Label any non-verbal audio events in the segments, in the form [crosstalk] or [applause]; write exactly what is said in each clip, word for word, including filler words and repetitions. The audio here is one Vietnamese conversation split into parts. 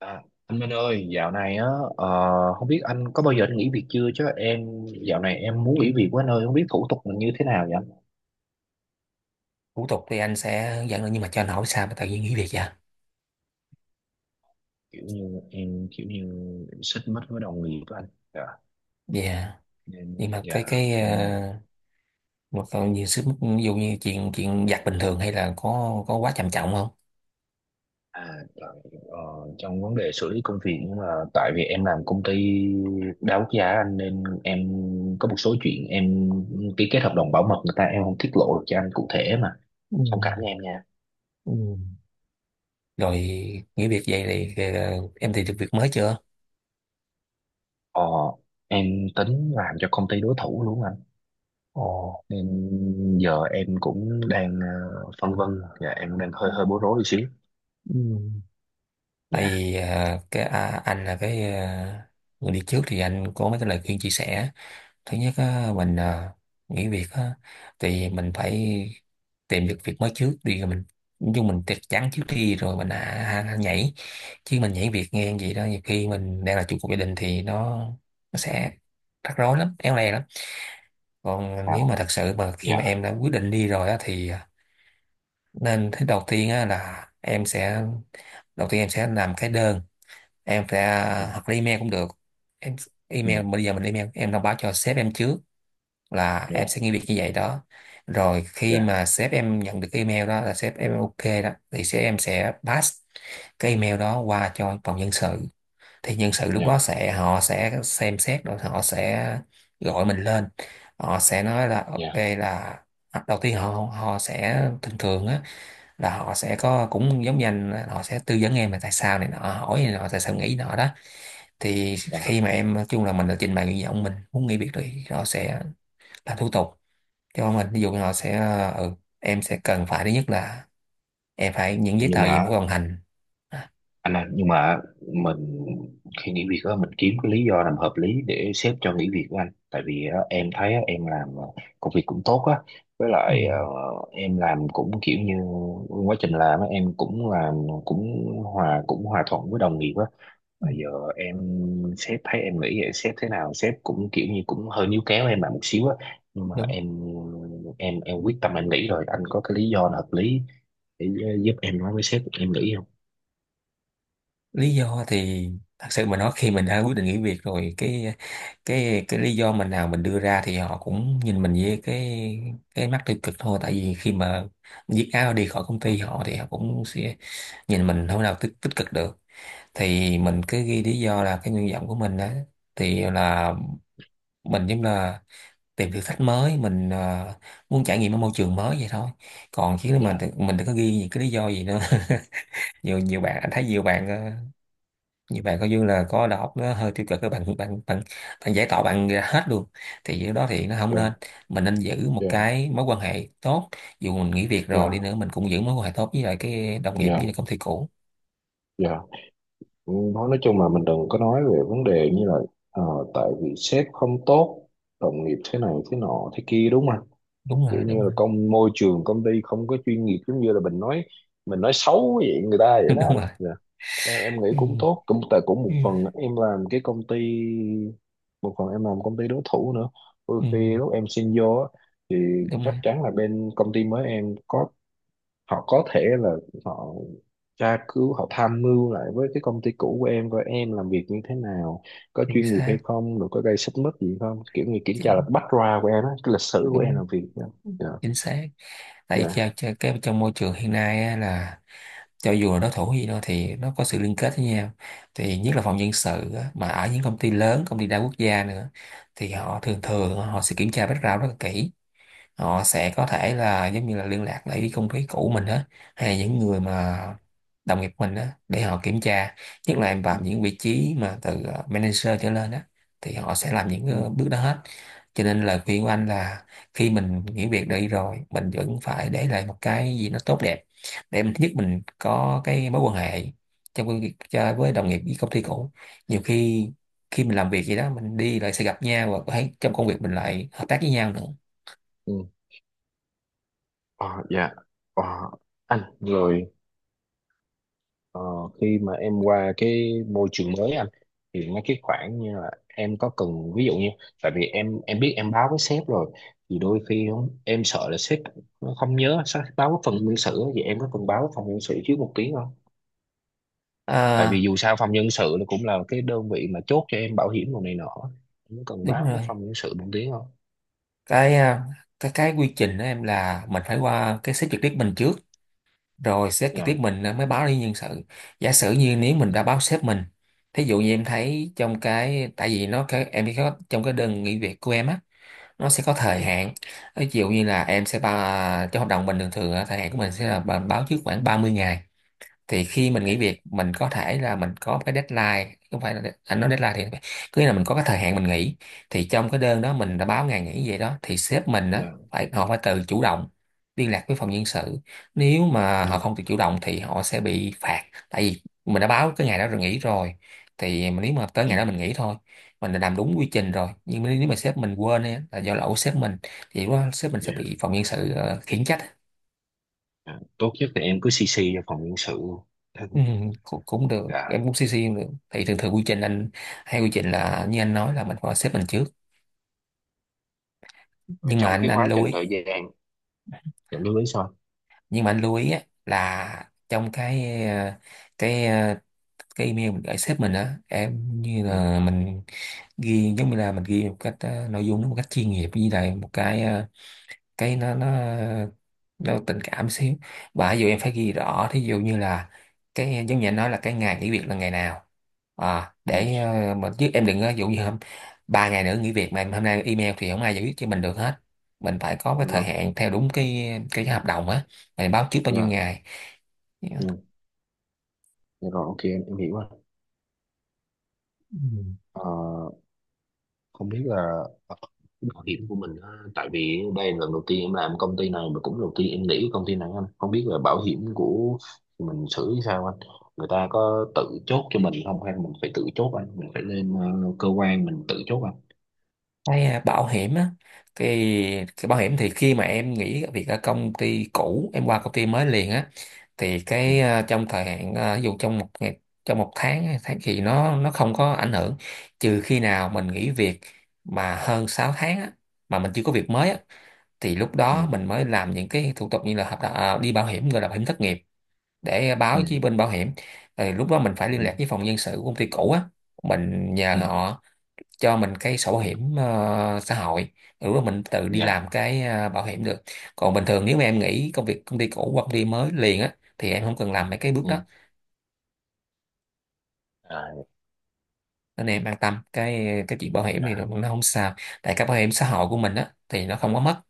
À, anh Minh ơi, dạo này á, ờ, không biết anh có bao giờ anh nghỉ việc chưa chứ em dạo này em muốn nghỉ việc quá anh ơi, không biết thủ tục là như thế nào vậy anh? Thủ tục thì anh sẽ hướng dẫn được, nhưng mà cho anh hỏi sao mà tự nhiên nghỉ việc vậy? Kiểu như em kiểu như em xích mích với đồng nghiệp của anh. Dạ, Dạ, nên. nhưng mà Dạ, cái cái nên, ờ, một cái nhiều sức mức, ví dụ như chuyện chuyện giặt bình thường hay là có có quá trầm trọng không? à tại, ờ, trong vấn đề xử lý công việc, nhưng mà tại vì em làm công ty đa quốc gia anh, nên em có một số chuyện em ký kết hợp đồng bảo mật người ta, em không tiết lộ được cho anh cụ thể, mà Ừ. thông cảm với em nha. Ừ. Rồi nghỉ việc vậy thì ờ, em tìm được việc mới chưa? Ờ, em tính làm cho công ty đối thủ luôn anh, Ồ. nên giờ em cũng đang ờ, phân vân. Dạ, em đang hơi hơi bối rối một xíu. Ừ. Tại Dạ. vì ờ, cái à, anh là cái ờ, người đi trước thì anh có mấy cái lời khuyên chia sẻ. Thứ nhất á, mình à, nghỉ việc á, thì mình phải tìm được việc mới trước đi rồi mình, nhưng mình chắc chắn trước đi rồi mình à, à, nhảy. Chứ mình nhảy việc nghe vậy đó, nhiều khi mình đang là trụ cột gia đình thì nó nó sẽ rắc rối lắm, éo le lắm. Còn À. nếu mà thật sự mà khi Dạ. mà em đã quyết định đi rồi á, thì à, nên thứ đầu tiên á, là em sẽ đầu tiên em sẽ làm cái đơn, em sẽ à, Ừ. hoặc là email cũng được. Em Ừ. email, bây giờ mình email, em thông báo cho sếp em trước là Dạ. em sẽ nghĩ việc như vậy đó. Rồi khi Dạ. mà sếp em nhận được cái email đó, là sếp em ok đó thì sếp em sẽ pass cái email đó qua cho phòng nhân sự. Thì nhân sự lúc Dạ. đó sẽ họ sẽ xem xét, rồi họ sẽ gọi mình lên, họ sẽ nói là ok, Dạ. là à, đầu tiên họ họ sẽ thường thường á, là họ sẽ có cũng giống như anh, họ sẽ tư vấn em là tại sao này nọ, hỏi này nọ tại sao nghĩ nọ đó. Thì khi Dạ. mà em nói chung là mình đã trình bày nguyện vọng mình muốn nghỉ việc thì họ sẽ làm thủ tục. Chứ không mình ví dụ như họ sẽ ờ, ừ, em sẽ cần phải thứ nhất là em phải những giấy Nhưng tờ gì em phải mà hoàn thành. anh ơi, nhưng mà mình khi nghỉ việc á, mình kiếm cái lý do làm hợp lý để sếp cho nghỉ việc của anh, tại vì á, em thấy á, em làm ờ, công việc cũng tốt á, với lại ờ, em làm cũng kiểu như quá trình làm á, em cũng làm cũng hòa cũng hòa thuận với đồng nghiệp á. Ừ, Và giờ em sếp thấy em nghĩ vậy, sếp thế nào sếp cũng kiểu như cũng hơi níu kéo em lại một xíu á, nhưng mà đúng. em em em quyết tâm em nghĩ rồi, anh có cái lý do nào hợp lý để giúp em nói với sếp em nghĩ không? Lý do thì thật sự mà nói, khi mình đã quyết định nghỉ việc rồi, cái cái cái lý do mình nào mình đưa ra thì họ cũng nhìn mình với cái cái mắt tiêu cực thôi. Tại vì khi mà viết áo đi khỏi công ty họ thì họ cũng sẽ nhìn mình không nào tích, tích cực được. Thì mình cứ ghi lý do là cái nguyện vọng của mình đó, thì là mình giống là tìm thử thách mới, mình ờ, muốn trải nghiệm ở môi trường mới vậy thôi. Còn chứ Dạ. mình mình đừng có ghi những cái lý do gì nữa. [laughs] nhiều nhiều bạn anh thấy, nhiều bạn ờ, nhiều bạn coi như là có đầu óc nó hơi tiêu cực, các bạn bạn bạn bạn giải tỏa bạn ra hết luôn. Thì điều đó thì nó không Dạ. nên. Mình nên giữ một Dạ. cái mối quan hệ tốt, dù mình nghỉ việc Dạ. rồi đi nữa mình cũng giữ mối quan hệ tốt với lại cái đồng nghiệp với Dạ. lại công ty cũ. Dạ. Nói nói chung là mình đừng có nói về vấn đề như là ờ, tại vì sếp không tốt, đồng nghiệp thế này thế nọ thế kia, đúng không? đúng Kiểu rồi như đúng là rồi công môi trường công ty không có chuyên nghiệp, giống như là mình nói mình nói xấu vậy người ta vậy [laughs] đó Đúng anh. rồi. Dạ. em em nghĩ Ừ, cũng tốt, cũng tại cũng một ừ, phần em làm cái công ty, một phần em làm công ty đối thủ nữa. Đôi ừ, khi lúc em xin vô á, thì đúng chắc rồi. chắn là bên công ty mới em có, họ có thể là họ tra cứu, họ tham mưu lại với cái công ty cũ của em coi em làm việc như thế nào, có Chính chuyên nghiệp hay xác. không, rồi có gây xích mích gì không, kiểu như kiểm tra là chính background của em á, cái lịch sử của em đúng làm việc. Dạ. Dạ. Chính xác. Tại vì Dạ. theo cho- cái trong môi trường hiện nay á, là cho dù là đối thủ gì đó thì nó có sự liên kết với nhau. Thì nhất là phòng nhân sự á, mà ở những công ty lớn, công ty đa quốc gia nữa, thì họ thường thường họ sẽ kiểm tra background rất là kỹ. Họ sẽ có thể là giống như là liên lạc lại với công ty cũ mình á, hay là những người mà đồng nghiệp mình á, để họ kiểm tra. Nhất là em Ừ. vào những vị trí mà từ ờ, manager trở lên á, thì họ sẽ làm những Ừ. ờ, bước đó hết. Cho nên lời khuyên của anh là khi mình nghỉ việc đi rồi mình vẫn phải để lại một cái gì nó tốt đẹp, để mình thứ nhất mình có cái mối quan hệ trong công việc cho- với đồng nghiệp, với công ty cũ. Nhiều khi khi mình làm việc gì đó mình đi lại sẽ gặp nhau, và có thể trong công việc mình lại hợp tác với nhau nữa. Ừ. Ờ, dạ. Ờ, anh rồi. Ờ, khi mà em qua cái môi trường mới anh, thì mấy cái khoản như là em có cần, ví dụ như, tại vì em em biết em báo với sếp rồi, thì đôi khi không, em sợ là sếp nó không nhớ sao báo với phần nhân sự á, vậy em có cần báo với phòng nhân sự trước một tiếng không? Tại vì À, dù sao phòng nhân sự nó cũng là cái đơn vị mà chốt cho em bảo hiểm đồ này nọ, em có cần đúng báo với rồi. phòng nhân sự một tiếng không? Cái à, cái cái quy trình đó em, là mình phải qua cái sếp trực tiếp mình trước, rồi sếp trực tiếp Dạ. mình mới báo đi nhân sự. Giả sử như nếu mình Ừ. đã báo sếp mình, thí dụ như em thấy trong cái, tại vì nó cái em có trong cái đơn nghỉ việc của em á, nó sẽ có Ừ. thời hạn. Ví dụ như là em sẽ ba, trong hợp đồng mình thường thường á, thời hạn của mình sẽ là bà- báo trước khoảng ba mươi ngày. Thì khi mình Dạ. nghỉ việc mình có thể là mình có cái deadline, không phải là de- anh nói deadline thì cứ là mình có cái thời hạn mình nghỉ. Thì trong cái đơn đó Ừ. mình đã báo ngày nghỉ vậy đó, thì sếp mình đó Dạ. phải, họ phải tự chủ động liên lạc với phòng nhân sự. Nếu mà Ừ. họ không tự chủ động thì họ sẽ bị phạt. Tại vì mình đã báo cái ngày đó rồi, nghỉ rồi, thì mà nếu mà tới Ừ, ngày đó mình nghỉ thôi, mình đã làm đúng quy trình rồi, nhưng mà nếu mà sếp mình quên ấy, là do lỗi của sếp mình, thì lúc đó sếp mình sẽ dạ. bị phòng nhân sự ờ, khiển trách. Dạ. Tốt nhất là em cứ xê xê cho phòng nhân sự. Ừ, cũng, cũng được, Dạ em cũng xê xê cũng được. Thì thường thường quy trình anh hay quy trình là như anh nói là mình phải xếp mình trước, rồi, nhưng mà trong anh cái anh quá lưu trình ý, thời gian dẫn đến lý sao. nhưng mà anh lưu ý á, là trong cái ờ, cái ờ, cái email mình gửi sếp mình á, em như Ừ. là mình ghi giống như là mình ghi một cách ờ, nội dung nó một cách chuyên nghiệp, như là một cái ờ, cái nó nó ờ, nó tình cảm xíu. Và ví dụ em phải ghi rõ, thí dụ như là cái giống như anh nói là cái ngày nghỉ việc là ngày nào. À Ừ. để ờ, mà Chứ em đừng, ờ, dụ như hôm ba ngày nữa nghỉ việc mà em hôm nay email thì không ai giải quyết cho mình được hết. Mình phải có cái Nhưng mà thời hạn theo đúng cái cái hợp đồng á, mình báo trước bao nhiêu dạ, ngày. ừ. Dạ rồi, ok em, em, hiểu rồi. Ừ. Ờ, không biết là cái bảo hiểm của mình á, tại vì đây là lần đầu tiên em làm công ty này mà cũng đầu tiên em nghĩ cái công ty này anh, không biết là bảo hiểm của mình xử như sao anh, người ta có tự chốt cho mình không hay mình phải tự chốt anh, mình phải lên ờ, cơ quan mình tự chốt anh? Cái à, bảo hiểm á, thì cái bảo hiểm thì khi mà em nghỉ việc ở công ty cũ em qua công ty mới liền á, thì Ừ. cái ờ, trong thời hạn ờ, ví dụ trong một ngày, trong một tháng hay tháng thì nó nó không có ảnh hưởng. Trừ khi nào mình nghỉ việc mà hơn sáu tháng á, mà mình chưa có việc mới á, thì lúc Ừ. đó mình mới làm những cái thủ tục như là hợp đồng, à, đi bảo hiểm, gọi là bảo hiểm thất nghiệp, để Ừ. báo với bên bảo hiểm. Rồi lúc đó mình phải liên Ừ. lạc với phòng nhân sự của công ty cũ á, mình nhờ Ừ. họ cho mình cái sổ Ừ. hiểm ờ, xã hội. Ừ, mình tự đi Dạ. làm cái ờ, bảo hiểm được. Còn bình thường nếu mà em nghỉ công việc công ty cũ hoặc công ty mới liền á thì em không cần làm mấy cái bước Ừ. đó. À. Nên em an tâm, cái cái chuyện bảo hiểm thì Dạ. nó không sao. Tại cái bảo hiểm xã hội của mình á thì nó không có mất.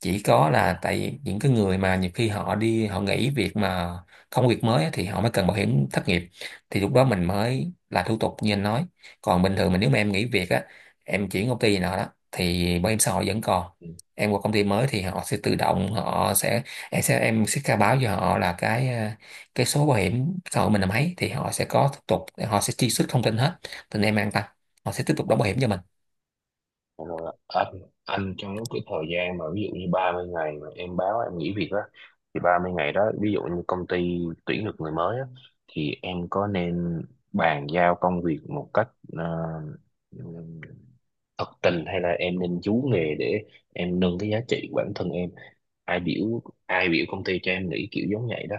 Chỉ có là tại những cái người mà nhiều khi họ đi họ nghỉ việc mà không có việc mới á, thì họ mới cần bảo hiểm thất nghiệp, thì lúc đó mình mới là thủ tục như anh nói. Còn bình thường mình, nếu mà em nghỉ việc á, em chuyển công ty nào đó, thì bảo hiểm xã hội vẫn còn. Ừ. Em qua công ty mới thì họ sẽ tự động họ sẽ, em sẽ em sẽ khai báo cho họ là cái ờ, cái số bảo hiểm xã hội mình là mấy, thì họ sẽ có thủ tục, họ sẽ truy xuất thông tin hết. Nên em an tâm, họ sẽ tiếp tục đóng bảo hiểm cho mình. Rồi anh, anh trong lúc cái thời gian mà ví dụ như ba mươi ngày mà em báo em nghỉ việc đó, thì ba mươi ngày đó ví dụ như công ty tuyển được người mới á, thì em có nên bàn giao công việc một cách ờ, thật tình, hay là em nên chú nghề để em nâng cái giá trị của bản thân em, ai biểu ai biểu công ty cho em nghỉ kiểu giống vậy đó.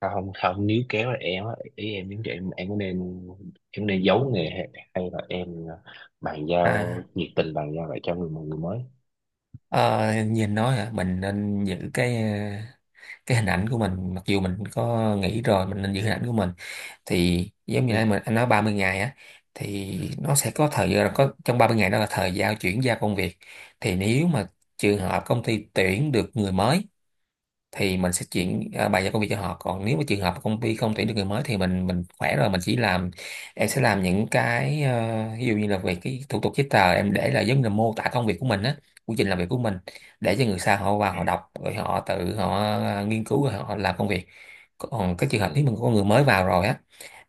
Tao không không nếu kéo là em á, ý em nếu em em có nên, em nên giấu nghề hay, hay là em ờ, bàn giao À, nhiệt tình, bàn giao lại cho người mọi người mới. ờ, nhìn nói hả, mình nên giữ cái cái hình ảnh của mình, mặc dù mình có nghĩ rồi mình nên giữ hình ảnh của mình. Thì giống như Nhưng. anh mình anh nói ba mươi ngày á, thì nó sẽ có thời gian, có trong ba mươi ngày đó là thời gian chuyển giao công việc. Thì nếu mà trường hợp công ty tuyển được người mới thì mình sẽ Ừ. chuyển, à, bài giao công việc cho họ. Còn nếu mà trường hợp công ty không tuyển được người mới thì mình mình khỏe rồi mình chỉ làm em sẽ làm những cái ờ, ví dụ như là về cái thủ tục giấy tờ em để là giống như là mô tả công việc của mình á, quy trình làm việc của mình để cho người sau họ vào Ừ. họ đọc rồi họ tự họ ờ, nghiên cứu rồi họ làm công việc. Còn cái trường hợp nếu mình có người mới vào rồi á,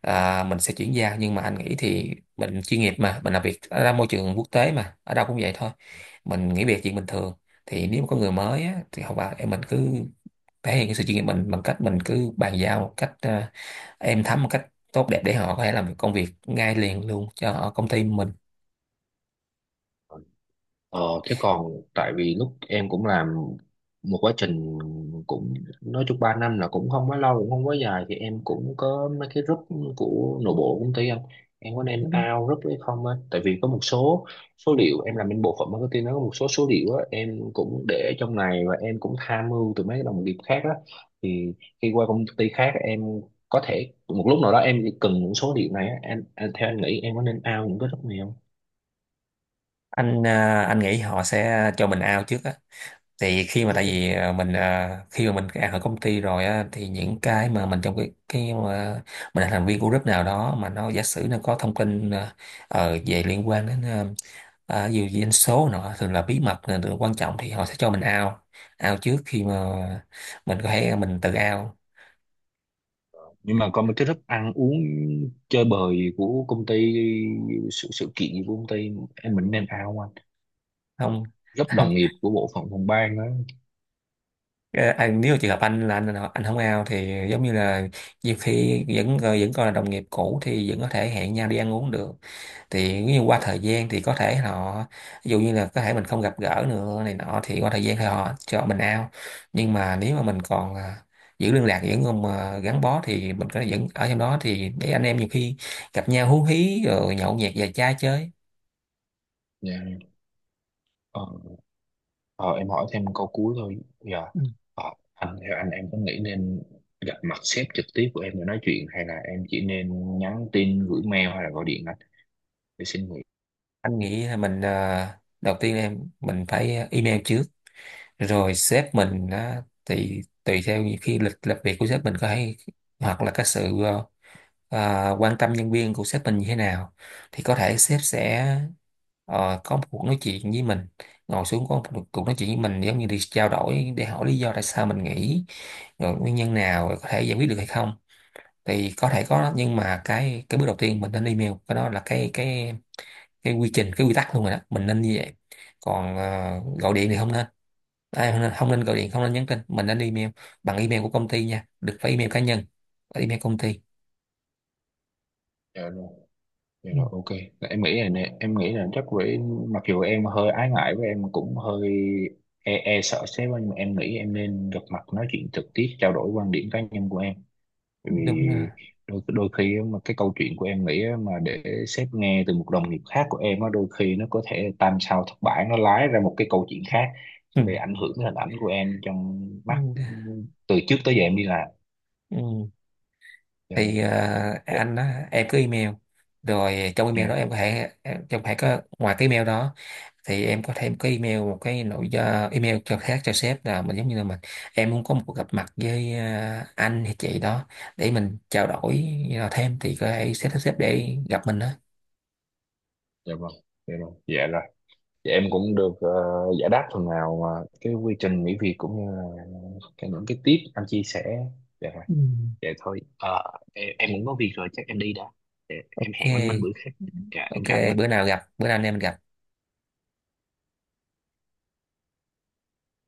à, mình sẽ chuyển giao, nhưng mà anh nghĩ thì mình chuyên nghiệp, mà mình làm việc ở môi trường quốc tế mà ở đâu cũng vậy thôi, mình nghỉ việc chuyện bình thường. Thì nếu mà có người mới á, thì không vào em mình cứ thể hiện cái sự chuyên nghiệp mình bằng cách mình cứ bàn giao một cách ờ, êm thấm, một cách tốt đẹp để họ có thể làm được công việc ngay liền luôn cho ở công ty mình. Ừ. Ờ, thế còn tại vì lúc em cũng làm một quá trình, cũng nói chung ba năm là cũng không quá lâu cũng không quá dài, thì em cũng có mấy cái group của nội bộ công ty anh, em có nên out group hay không á, tại vì có một số số liệu em làm bên bộ phận marketing, nó có một số số liệu á em cũng để trong này, và em cũng tham mưu từ mấy cái đồng nghiệp khác á, thì khi qua công ty khác em có thể một lúc nào đó em cần những số liệu này á, em, em theo anh nghĩ em có nên out những cái group này không? Anh ờ, anh nghĩ họ sẽ cho mình out trước á, thì khi mà tại vì ờ, mình ờ, khi mà mình out ở công ty rồi á, thì những cái mà mình trong cái cái mà mình là thành viên của group nào đó, mà nó giả sử nó có thông tin ờ, ờ, về liên quan đến ờ, à, dù gì anh số nọ thường là bí mật, là điều quan trọng, thì họ sẽ cho mình out, out trước khi mà mình có thể mình tự out. Nhưng mà có một cái thức ăn uống, chơi bời của công ty, sự sự kiện của công ty, em mình nên ao anh, Không. rất [laughs] Không. đồng nghiệp của bộ phận phòng ban đó. Ờ, à, nếu trường hợp anh là anh anh không ao thì giống như là nhiều khi vẫn ờ, vẫn còn là đồng nghiệp cũ thì vẫn có thể hẹn nhau đi ăn uống được. Thì nếu như qua thời gian thì có thể họ, ví dụ như là có thể mình không gặp gỡ nữa này nọ, thì qua thời gian thì họ cho mình ao. Nhưng mà nếu mà mình còn à, giữ liên lạc vẫn còn mà gắn bó thì mình có thể vẫn ở trong đó, thì để anh em nhiều khi gặp nhau hú hí rồi nhậu nhẹt và chai chơi. Dạ. ờ, ờ, em hỏi thêm câu cuối thôi dạ. Ừ. Ờ, anh theo anh, em có nghĩ nên gặp mặt sếp trực tiếp của em để nói chuyện, hay là em chỉ nên nhắn tin gửi mail hay là gọi điện anh, để xin nghỉ? anh nghĩ là mình à, đầu tiên là em mình phải email trước, rồi sếp mình á, thì tùy theo những khi lịch làm việc của sếp mình có hay hoặc là cái sự ờ, à, quan tâm nhân viên của sếp mình như thế nào, thì có thể sếp sẽ ờ, có một cuộc nói chuyện với mình, ngồi xuống có một cuộc nói chuyện với mình giống như đi trao đổi để hỏi lý do tại sao mình nghỉ, rồi nguyên nhân nào, rồi có thể giải quyết được hay không. Thì có thể có, nhưng mà cái cái bước đầu tiên mình nên email, cái đó là cái cái cái quy trình, cái quy tắc luôn rồi đó, mình nên như vậy. Còn ờ, gọi điện thì không nên. À, không nên gọi điện, không nên nhắn tin, mình nên email, bằng email của công ty nha, đừng phải email cá nhân, phải email công ty. Dạ. Dạ Ừ. rồi, ok. Em nghĩ là nè, em nghĩ là chắc với, mặc dù em hơi ái ngại với em cũng hơi e, e sợ sếp á, nhưng mà em nghĩ em nên gặp mặt nói chuyện trực tiếp trao đổi quan điểm cá nhân của em. Bởi vì Đúng là đôi đôi khi á, mà cái câu chuyện của em nghĩ á, mà để sếp nghe từ một đồng nghiệp khác của em á, đôi khi nó có thể tam sao thất bản, nó lái ra một cái câu chuyện khác ừ. về ảnh hưởng đến hình ảnh của em trong Ừ. mắt từ trước tới giờ em đi làm. Ừ. Dạ rồi. thì ờ, Dạ. anh á, em cứ email, rồi trong email đó Dạ. em có thể em- trong phải có ngoài cái email đó thì em có thêm cái email, một cái nội do email cho khác cho sếp, là mình giống như là mình em muốn có một cuộc gặp mặt với ờ, anh hay chị đó để mình trao đổi ờ, thêm, thì có thể sếp sếp để gặp mình đó. Dạ vâng. Dạ rồi. Dạ rồi. Dạ, em cũng được ờ, giải đáp phần nào mà cái quy trình nghỉ việc, cũng như là cái, những cái tip anh chia sẻ. Dạ rồi. Ừ. Vậy thôi ờ, em, em cũng có việc rồi chắc em đi đã. Dạ, em hẹn anh Minh bữa OK. khác. Dạ em OK, chào anh bữa Minh. nào gặp, bữa nào anh em mình gặp.